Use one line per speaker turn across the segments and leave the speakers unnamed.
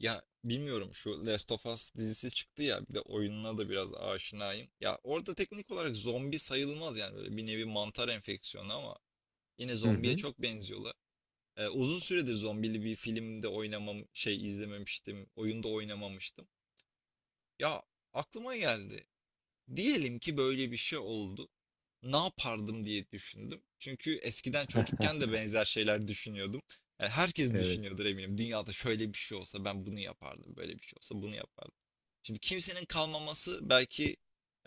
Ya bilmiyorum, şu Last of Us dizisi çıktı ya, bir de oyununa da biraz aşinayım. Ya orada teknik olarak zombi sayılmaz yani, böyle bir nevi mantar enfeksiyonu ama yine
Hı
zombiye
hı.
çok benziyorlar. Uzun süredir zombili bir filmde oynamam, şey, izlememiştim, oyunda oynamamıştım. Ya, aklıma geldi. Diyelim ki böyle bir şey oldu. Ne yapardım diye düşündüm. Çünkü eskiden çocukken de benzer şeyler düşünüyordum. Yani herkes
Evet.
düşünüyordur eminim. Dünyada şöyle bir şey olsa ben bunu yapardım, böyle bir şey olsa bunu yapardım. Şimdi kimsenin kalmaması belki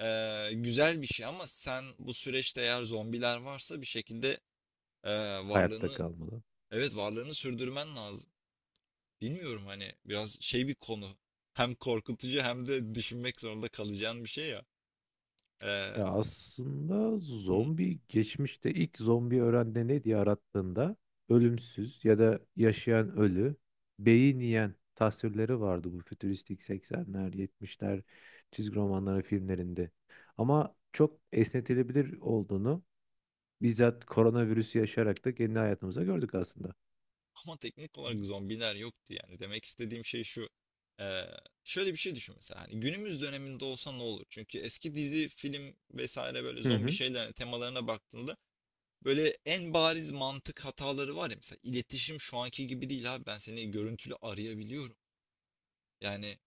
güzel bir şey, ama sen bu süreçte eğer zombiler varsa bir şekilde
Hayatta
varlığını
kalmalı.
evet varlığını sürdürmen lazım. Bilmiyorum, hani biraz şey bir konu. Hem korkutucu hem de düşünmek zorunda kalacağın bir şey ya.
E
Eee,
aslında zombi geçmişte ilk zombi öğrende ne diye arattığında ölümsüz ya da yaşayan ölü, beyin yiyen tasvirleri vardı bu fütüristik seksenler, 70'ler çizgi romanları filmlerinde. Ama çok esnetilebilir olduğunu bizzat koronavirüsü yaşayarak da kendi hayatımıza gördük aslında.
ama teknik olarak zombiler yoktu yani. Demek istediğim şey şu. Eee, Şöyle bir şey düşün mesela. Hani günümüz döneminde olsa ne olur? Çünkü eski dizi, film vesaire, böyle
Hı
zombi
hı.
şeyler, temalarına baktığında böyle en bariz mantık hataları var ya. Mesela iletişim şu anki gibi değil, abi ben seni görüntülü arayabiliyorum. Yani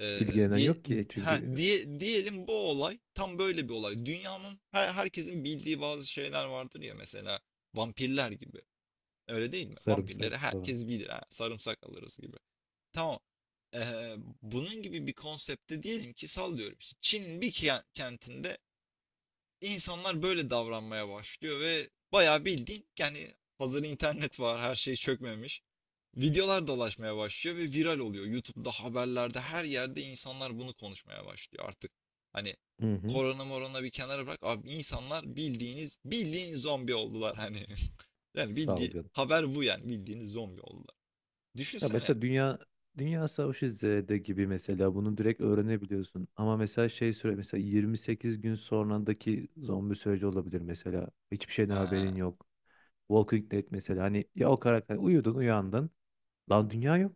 e,
İlgilenen
diye
yok ki
ha
çünkü
diye, diyelim bu olay tam böyle bir olay. Dünyanın her, herkesin bildiği bazı şeyler vardır ya, mesela vampirler gibi. Öyle değil mi?
sarımsak
Vampirleri
falan.
herkes bilir. Ha, sarımsak alırız gibi. Tamam. E, Bunun gibi bir konsepte, diyelim ki sallıyorum, işte Çin'in bir kentinde insanlar böyle davranmaya başlıyor ve bayağı bildiğin, yani hazır internet var, her şey çökmemiş. Videolar dolaşmaya başlıyor ve viral oluyor. YouTube'da, haberlerde, her yerde insanlar bunu konuşmaya başlıyor artık. Hani
Hı hı.
korona morona bir kenara bırak. Abi insanlar bildiğiniz, bildiğin zombi oldular hani. Yani bildiği
Salgın.
haber bu, yani bildiğiniz zombi oldular.
Ya
Düşünsene.
mesela Dünya Savaşı Z'de gibi mesela bunu direkt öğrenebiliyorsun. Ama mesela şey süre mesela 28 gün sonrandaki zombi süreci olabilir mesela. Hiçbir şeyden
Ha.
haberin yok. Walking Dead mesela, hani ya o karakter, uyudun uyandın. Lan dünya yok.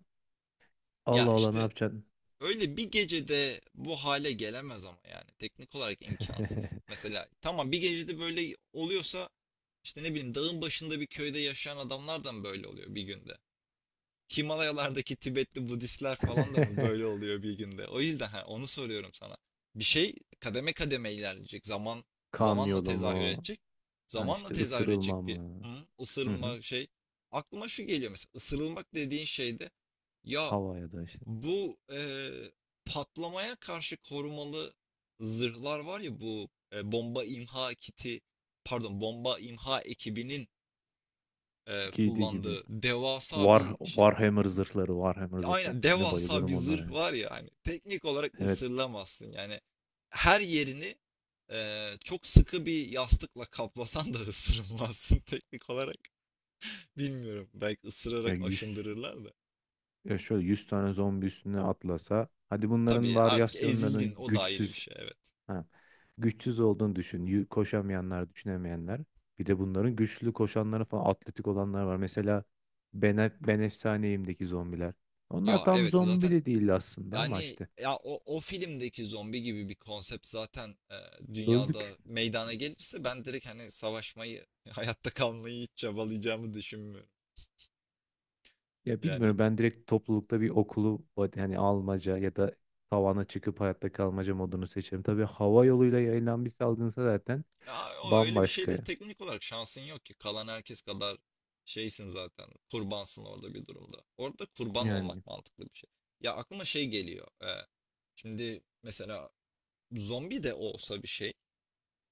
Ya
Allah Allah, ne
işte,
yapacaksın?
öyle bir gecede bu hale gelemez ama yani. Teknik olarak imkansız. Mesela tamam, bir gecede böyle oluyorsa, işte ne bileyim, dağın başında bir köyde yaşayan adamlar da mı böyle oluyor bir günde? Himalayalardaki Tibetli Budistler falan da mı böyle oluyor bir günde? O yüzden ha, onu soruyorum sana. Bir şey kademe kademe ilerleyecek. Zaman
Kan
zamanla
yolu
tezahür
mu?
edecek.
Ha
Zamanla
işte
tezahür edecek
ısırılma
bir,
mı?
hı,
Hı hı.
ısırılma şey. Aklıma şu geliyor, mesela ısırılmak dediğin şeyde ya
Hava ya da işte
bu, patlamaya karşı korumalı zırhlar var ya, bu, bomba imha kiti, pardon, bomba imha ekibinin
giydiği gibi.
kullandığı devasa bir şey,
Warhammer zırhları, Warhammer zırhları.
aynen,
Of, ne
devasa
bayılırım
bir
onlara
zırh
ya.
var ya, hani teknik olarak
Evet.
ısırılamazsın yani. Her yerini çok sıkı bir yastıkla kaplasan da ısırılmazsın teknik olarak. Bilmiyorum, belki
Ya
ısırarak
100
aşındırırlar da.
Ya şöyle 100 tane zombi üstüne atlasa. Hadi bunların
Tabii artık ezildin,
varyasyonlarının
o da ayrı bir
güçsüz.
şey, evet.
Ha, güçsüz olduğunu düşün. Koşamayanlar, düşünemeyenler. Bir de bunların güçlü koşanları falan atletik olanlar var. Mesela Ben, ben Efsaneyim'deki zombiler. Onlar
Ya
tam
evet,
zombi
zaten
de değil aslında, ama
yani
işte
ya, o, o filmdeki zombi gibi bir konsept zaten
öldük.
dünyada meydana gelirse, ben direkt hani savaşmayı hayatta kalmayı hiç çabalayacağımı düşünmüyorum.
Ya
Yani
bilmiyorum, ben direkt toplulukta bir okulu hani almaca ya da tavana çıkıp hayatta kalmaca modunu seçerim. Tabii hava yoluyla yayılan bir salgınsa zaten
ya o, öyle bir
bambaşka.
şeyde teknik olarak şansın yok ki. Kalan herkes kadar şeysin zaten. Kurbansın orada, bir durumda. Orada kurban
Yani
olmak mantıklı bir şey. Ya aklıma şey geliyor. Şimdi mesela zombi de olsa bir şey,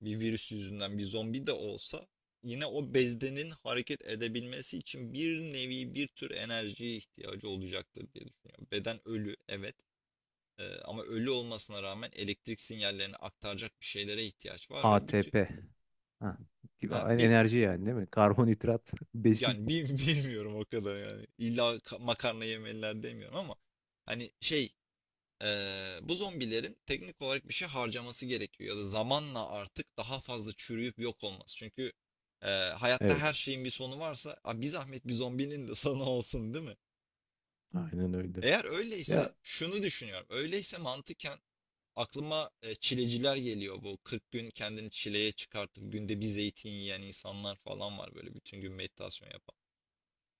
bir virüs yüzünden bir zombi de olsa, yine o bezdenin hareket edebilmesi için bir nevi bir tür enerjiye ihtiyacı olacaktır diye düşünüyorum. Beden ölü, evet. Ama ölü olmasına rağmen elektrik sinyallerini aktaracak bir şeylere ihtiyaç var ve bir tür,
ATP. Ha, gibi
ha, bir,
enerji yani değil mi? Karbonhidrat, besin.
yani bilmiyorum, o kadar yani, illa makarna yemeliler demiyorum ama hani şey, bu zombilerin teknik olarak bir şey harcaması gerekiyor ya da zamanla artık daha fazla çürüyüp yok olması. Çünkü hayatta her
Evet,
şeyin bir sonu varsa, "Aa, bir zahmet bir zombinin de sonu olsun, değil mi?"
aynen öyle.
Eğer öyleyse
Ya.
şunu düşünüyorum. Öyleyse mantıken aklıma çileciler geliyor. Bu 40 gün kendini çileye çıkartıp günde bir zeytin yiyen insanlar falan var, böyle bütün gün meditasyon yapan.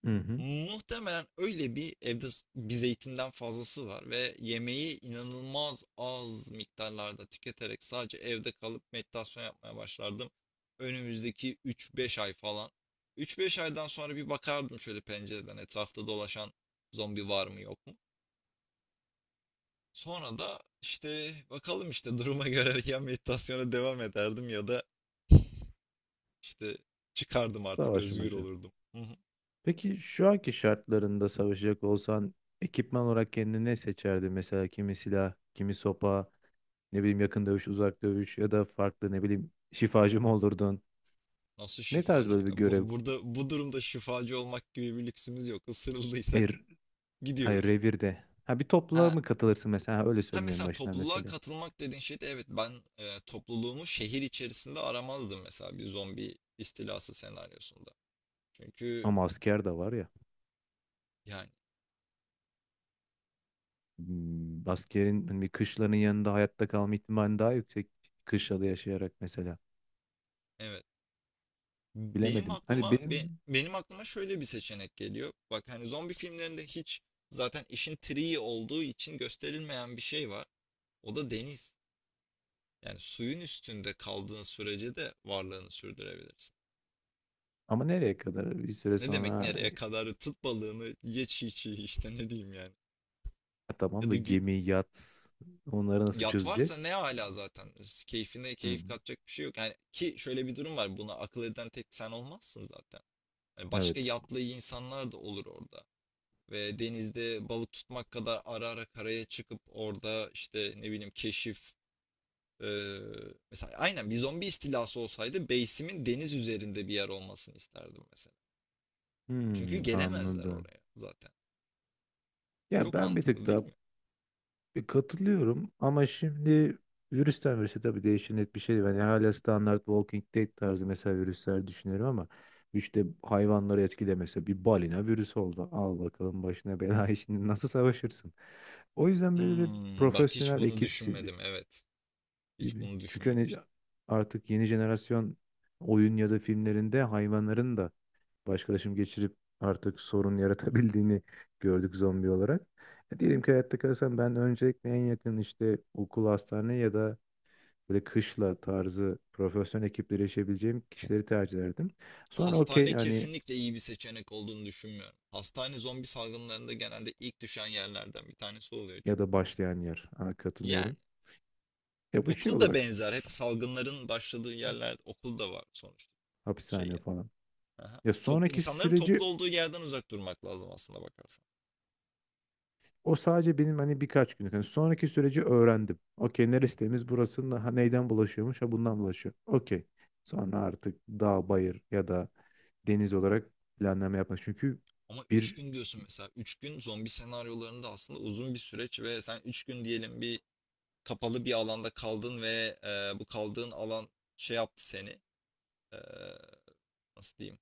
Hı hı.
Muhtemelen öyle bir evde bir zeytinden fazlası var ve yemeği inanılmaz az miktarlarda tüketerek sadece evde kalıp meditasyon yapmaya başlardım. Önümüzdeki 3-5 ay falan. 3-5 aydan sonra bir bakardım şöyle pencereden, etrafta dolaşan zombi var mı, yok mu? Sonra da işte bakalım işte duruma göre ya meditasyona devam ederdim ya da işte çıkardım, artık özgür
Savaşmaca.
olurdum. Hı hı.
Peki şu anki şartlarında savaşacak olsan ekipman olarak kendine ne seçerdin? Mesela kimi silah, kimi sopa, ne bileyim yakın dövüş, uzak dövüş ya da farklı, ne bileyim, şifacı mı olurdun?
Nasıl
Ne tarz
şifacı, ya?
böyle bir
Bu,
görev,
burada, bu durumda şifacı olmak gibi bir lüksümüz yok. Isırıldıysak
er, hayır
gidiyoruz.
revirde? Ha, bir topluluğa
Ha.
mı katılırsın mesela? Ha, öyle
Ha
söylemeyeyim
mesela
başına
topluluğa
mesela.
katılmak dediğin şeyde, evet, ben topluluğumu şehir içerisinde aramazdım mesela bir zombi istilası senaryosunda. Çünkü
Ama asker de var ya.
yani,
Hmm, askerin hani bir kışlanın yanında hayatta kalma ihtimali daha yüksek, kışlada yaşayarak mesela.
evet,
Bilemedim. Hani benim
benim aklıma şöyle bir seçenek geliyor. Bak hani zombi filmlerinde hiç, zaten işin triği olduğu için gösterilmeyen bir şey var. O da deniz. Yani suyun üstünde kaldığın sürece de varlığını sürdürebilirsin.
ama nereye kadar? Bir süre
Ne demek
sonra
nereye kadar? Tut balığını ye çiğ çiğ, işte ne diyeyim yani.
ha tamam
Ya
da
da gü-
gemi, yat onları nasıl
Yat varsa
çözeceğiz?
ne hala zaten. Keyfine keyif
Hmm,
katacak bir şey yok. Yani ki şöyle bir durum var. Buna akıl eden tek sen olmazsın zaten. Yani başka
evet.
yatlı insanlar da olur orada. Ve denizde balık tutmak kadar, ara ara karaya çıkıp orada işte ne bileyim keşif, eee, mesela aynen, bir zombi istilası olsaydı base'imin deniz üzerinde bir yer olmasını isterdim mesela. Çünkü
Hmm,
gelemezler
anladım.
oraya zaten.
Ya
Çok
ben bir
mantıklı
tık
değil
daha
mi?
bir katılıyorum ama şimdi virüsten virüse tabii değişen net bir şey değil. Yani hala standart Walking Dead tarzı mesela virüsler düşünüyorum ama işte hayvanları etkilemese, bir balina virüs oldu. Al bakalım başına bela şimdi nasıl savaşırsın? O yüzden böyle
Hmm, bak hiç
profesyonel
bunu
ekipsi
düşünmedim. Evet. Hiç
gibi.
bunu
Çünkü hani
düşünmemiştim.
artık yeni jenerasyon oyun ya da filmlerinde hayvanların da başkalaşım geçirip artık sorun yaratabildiğini gördük zombi olarak. E, diyelim ki hayatta kalsam, ben öncelikle en yakın işte okul, hastane ya da böyle kışla tarzı profesyonel ekiplere erişebileceğim kişileri tercih ederdim. Sonra okey
Hastane
hani
kesinlikle iyi bir seçenek olduğunu düşünmüyorum. Hastane zombi salgınlarında genelde ilk düşen yerlerden bir tanesi oluyor
ya
çünkü.
da başlayan yer. Ha,
Yani
katılıyorum. Ya bu şey
okul da
olarak
benzer. Hep salgınların başladığı yerlerde okul da var sonuçta. Şey
hapishane
ya.
falan.
Aha.
Ya sonraki
İnsanların toplu
süreci.
olduğu yerden uzak durmak lazım aslında, bakarsan.
O sadece benim hani birkaç günlük. Hani sonraki süreci öğrendim. Okey, neresi temiz burasının, ha, neyden bulaşıyormuş, ha, bundan bulaşıyor. Okey. Sonra artık dağ, bayır ya da deniz olarak planlama yapmak. Çünkü
Ama 3
bir
gün diyorsun mesela. Üç gün zombi senaryolarında aslında uzun bir süreç ve sen 3 gün diyelim bir kapalı bir alanda kaldın ve bu kaldığın alan şey yaptı seni. e, Nasıl diyeyim?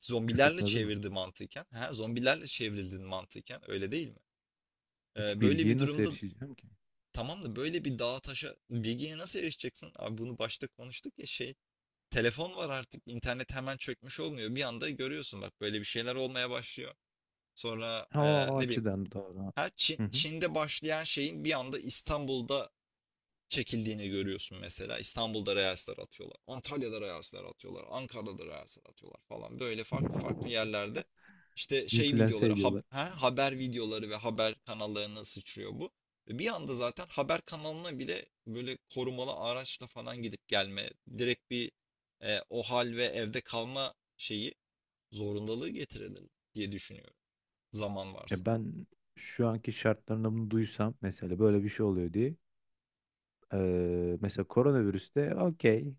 Zombilerle
kısıtladı mı?
çevirdi mantıken. Ha, zombilerle çevrildin mantıken. Öyle değil mi?
Peki
Böyle
bilgiye
bir
nasıl
durumda,
erişeceğim ki?
tamam da böyle bir dağa taşa bilgiye nasıl erişeceksin? Abi bunu başta konuştuk ya şey. Telefon var artık. İnternet hemen çökmüş olmuyor. Bir anda görüyorsun, bak, böyle bir şeyler olmaya başlıyor. Sonra
Ha, o
ne bileyim,
açıdan doğru.
ha,
Hı hı.
Çin'de başlayan şeyin bir anda İstanbul'da çekildiğini görüyorsun mesela. İstanbul'da Reels'ler atıyorlar. Antalya'da Reels'ler atıyorlar. Ankara'da Reels'ler atıyorlar falan. Böyle farklı farklı yerlerde işte şey
İnfluense
videoları,
ediyorlar.
haber videoları ve haber kanallarına sıçrıyor bu. Ve bir anda zaten haber kanalına bile böyle korumalı araçla falan gidip gelme, direkt bir o hal ve evde kalma şeyi zorundalığı getirelim diye düşünüyorum. Zaman varsa.
E ben şu anki şartlarında bunu duysam mesela böyle bir şey oluyor diye mesela koronavirüste okey.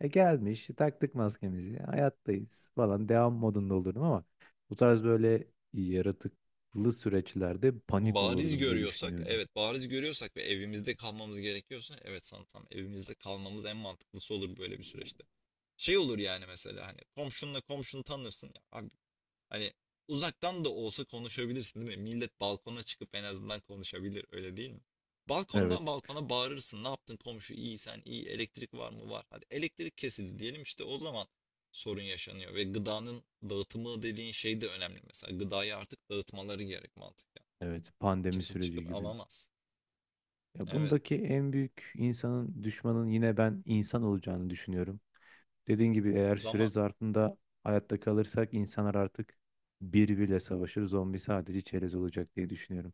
E, gelmiş, taktık maskemizi, hayattayız falan devam modunda olurdum ama bu tarz böyle yaratıklı süreçlerde panik
Bariz
olurdum diye
görüyorsak,
düşünüyordum.
evet, bariz görüyorsak ve evimizde kalmamız gerekiyorsa, evet, sanırsam evimizde kalmamız en mantıklısı olur böyle bir süreçte. Şey olur yani, mesela hani komşunla, komşunu tanırsın ya abi, hani uzaktan da olsa konuşabilirsin, değil mi? Millet balkona çıkıp en azından konuşabilir, öyle değil mi? Balkondan
Evet,
balkona bağırırsın. Ne yaptın komşu, iyi, sen iyi, elektrik var mı, var. Hadi elektrik kesildi diyelim, işte o zaman sorun yaşanıyor. Ve gıdanın dağıtımı dediğin şey de önemli, mesela gıdayı artık dağıtmaları gerek, mantık.
evet pandemi
Kimse
süreci
çıkıp
gibi.
alamaz.
Ya
Evet.
bundaki en büyük insanın düşmanın yine ben insan olacağını düşünüyorum. Dediğin gibi eğer süre
Zaman,
zarfında hayatta kalırsak insanlar artık birbiriyle savaşır, zombi sadece çerez olacak diye düşünüyorum.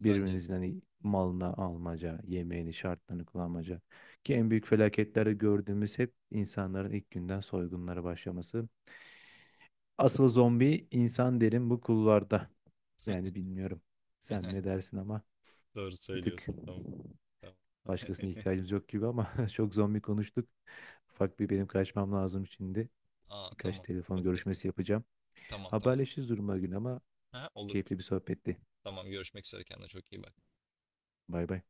bence de.
Birbirinizin hani malına almaca, yemeğini, şartlarını kullanmaca. Ki en büyük felaketlerde gördüğümüz hep insanların ilk günden soygunlara başlaması. Asıl zombi insan derim bu kulvarda. Yani bilmiyorum. Sen ne dersin ama
Doğru
bir tık
söylüyorsun. Tamam. Tamam.
başkasına ihtiyacımız yok gibi, ama çok zombi konuştuk. Ufak bir benim kaçmam lazım şimdi.
Aa,
Birkaç
tamam.
telefon
Okey.
görüşmesi yapacağım.
Tamam, tamam.
Haberleşiriz duruma gün ama,
Ha, olur.
keyifli bir sohbetti.
Tamam, görüşmek üzere, kendine çok iyi bak.
Bay bay.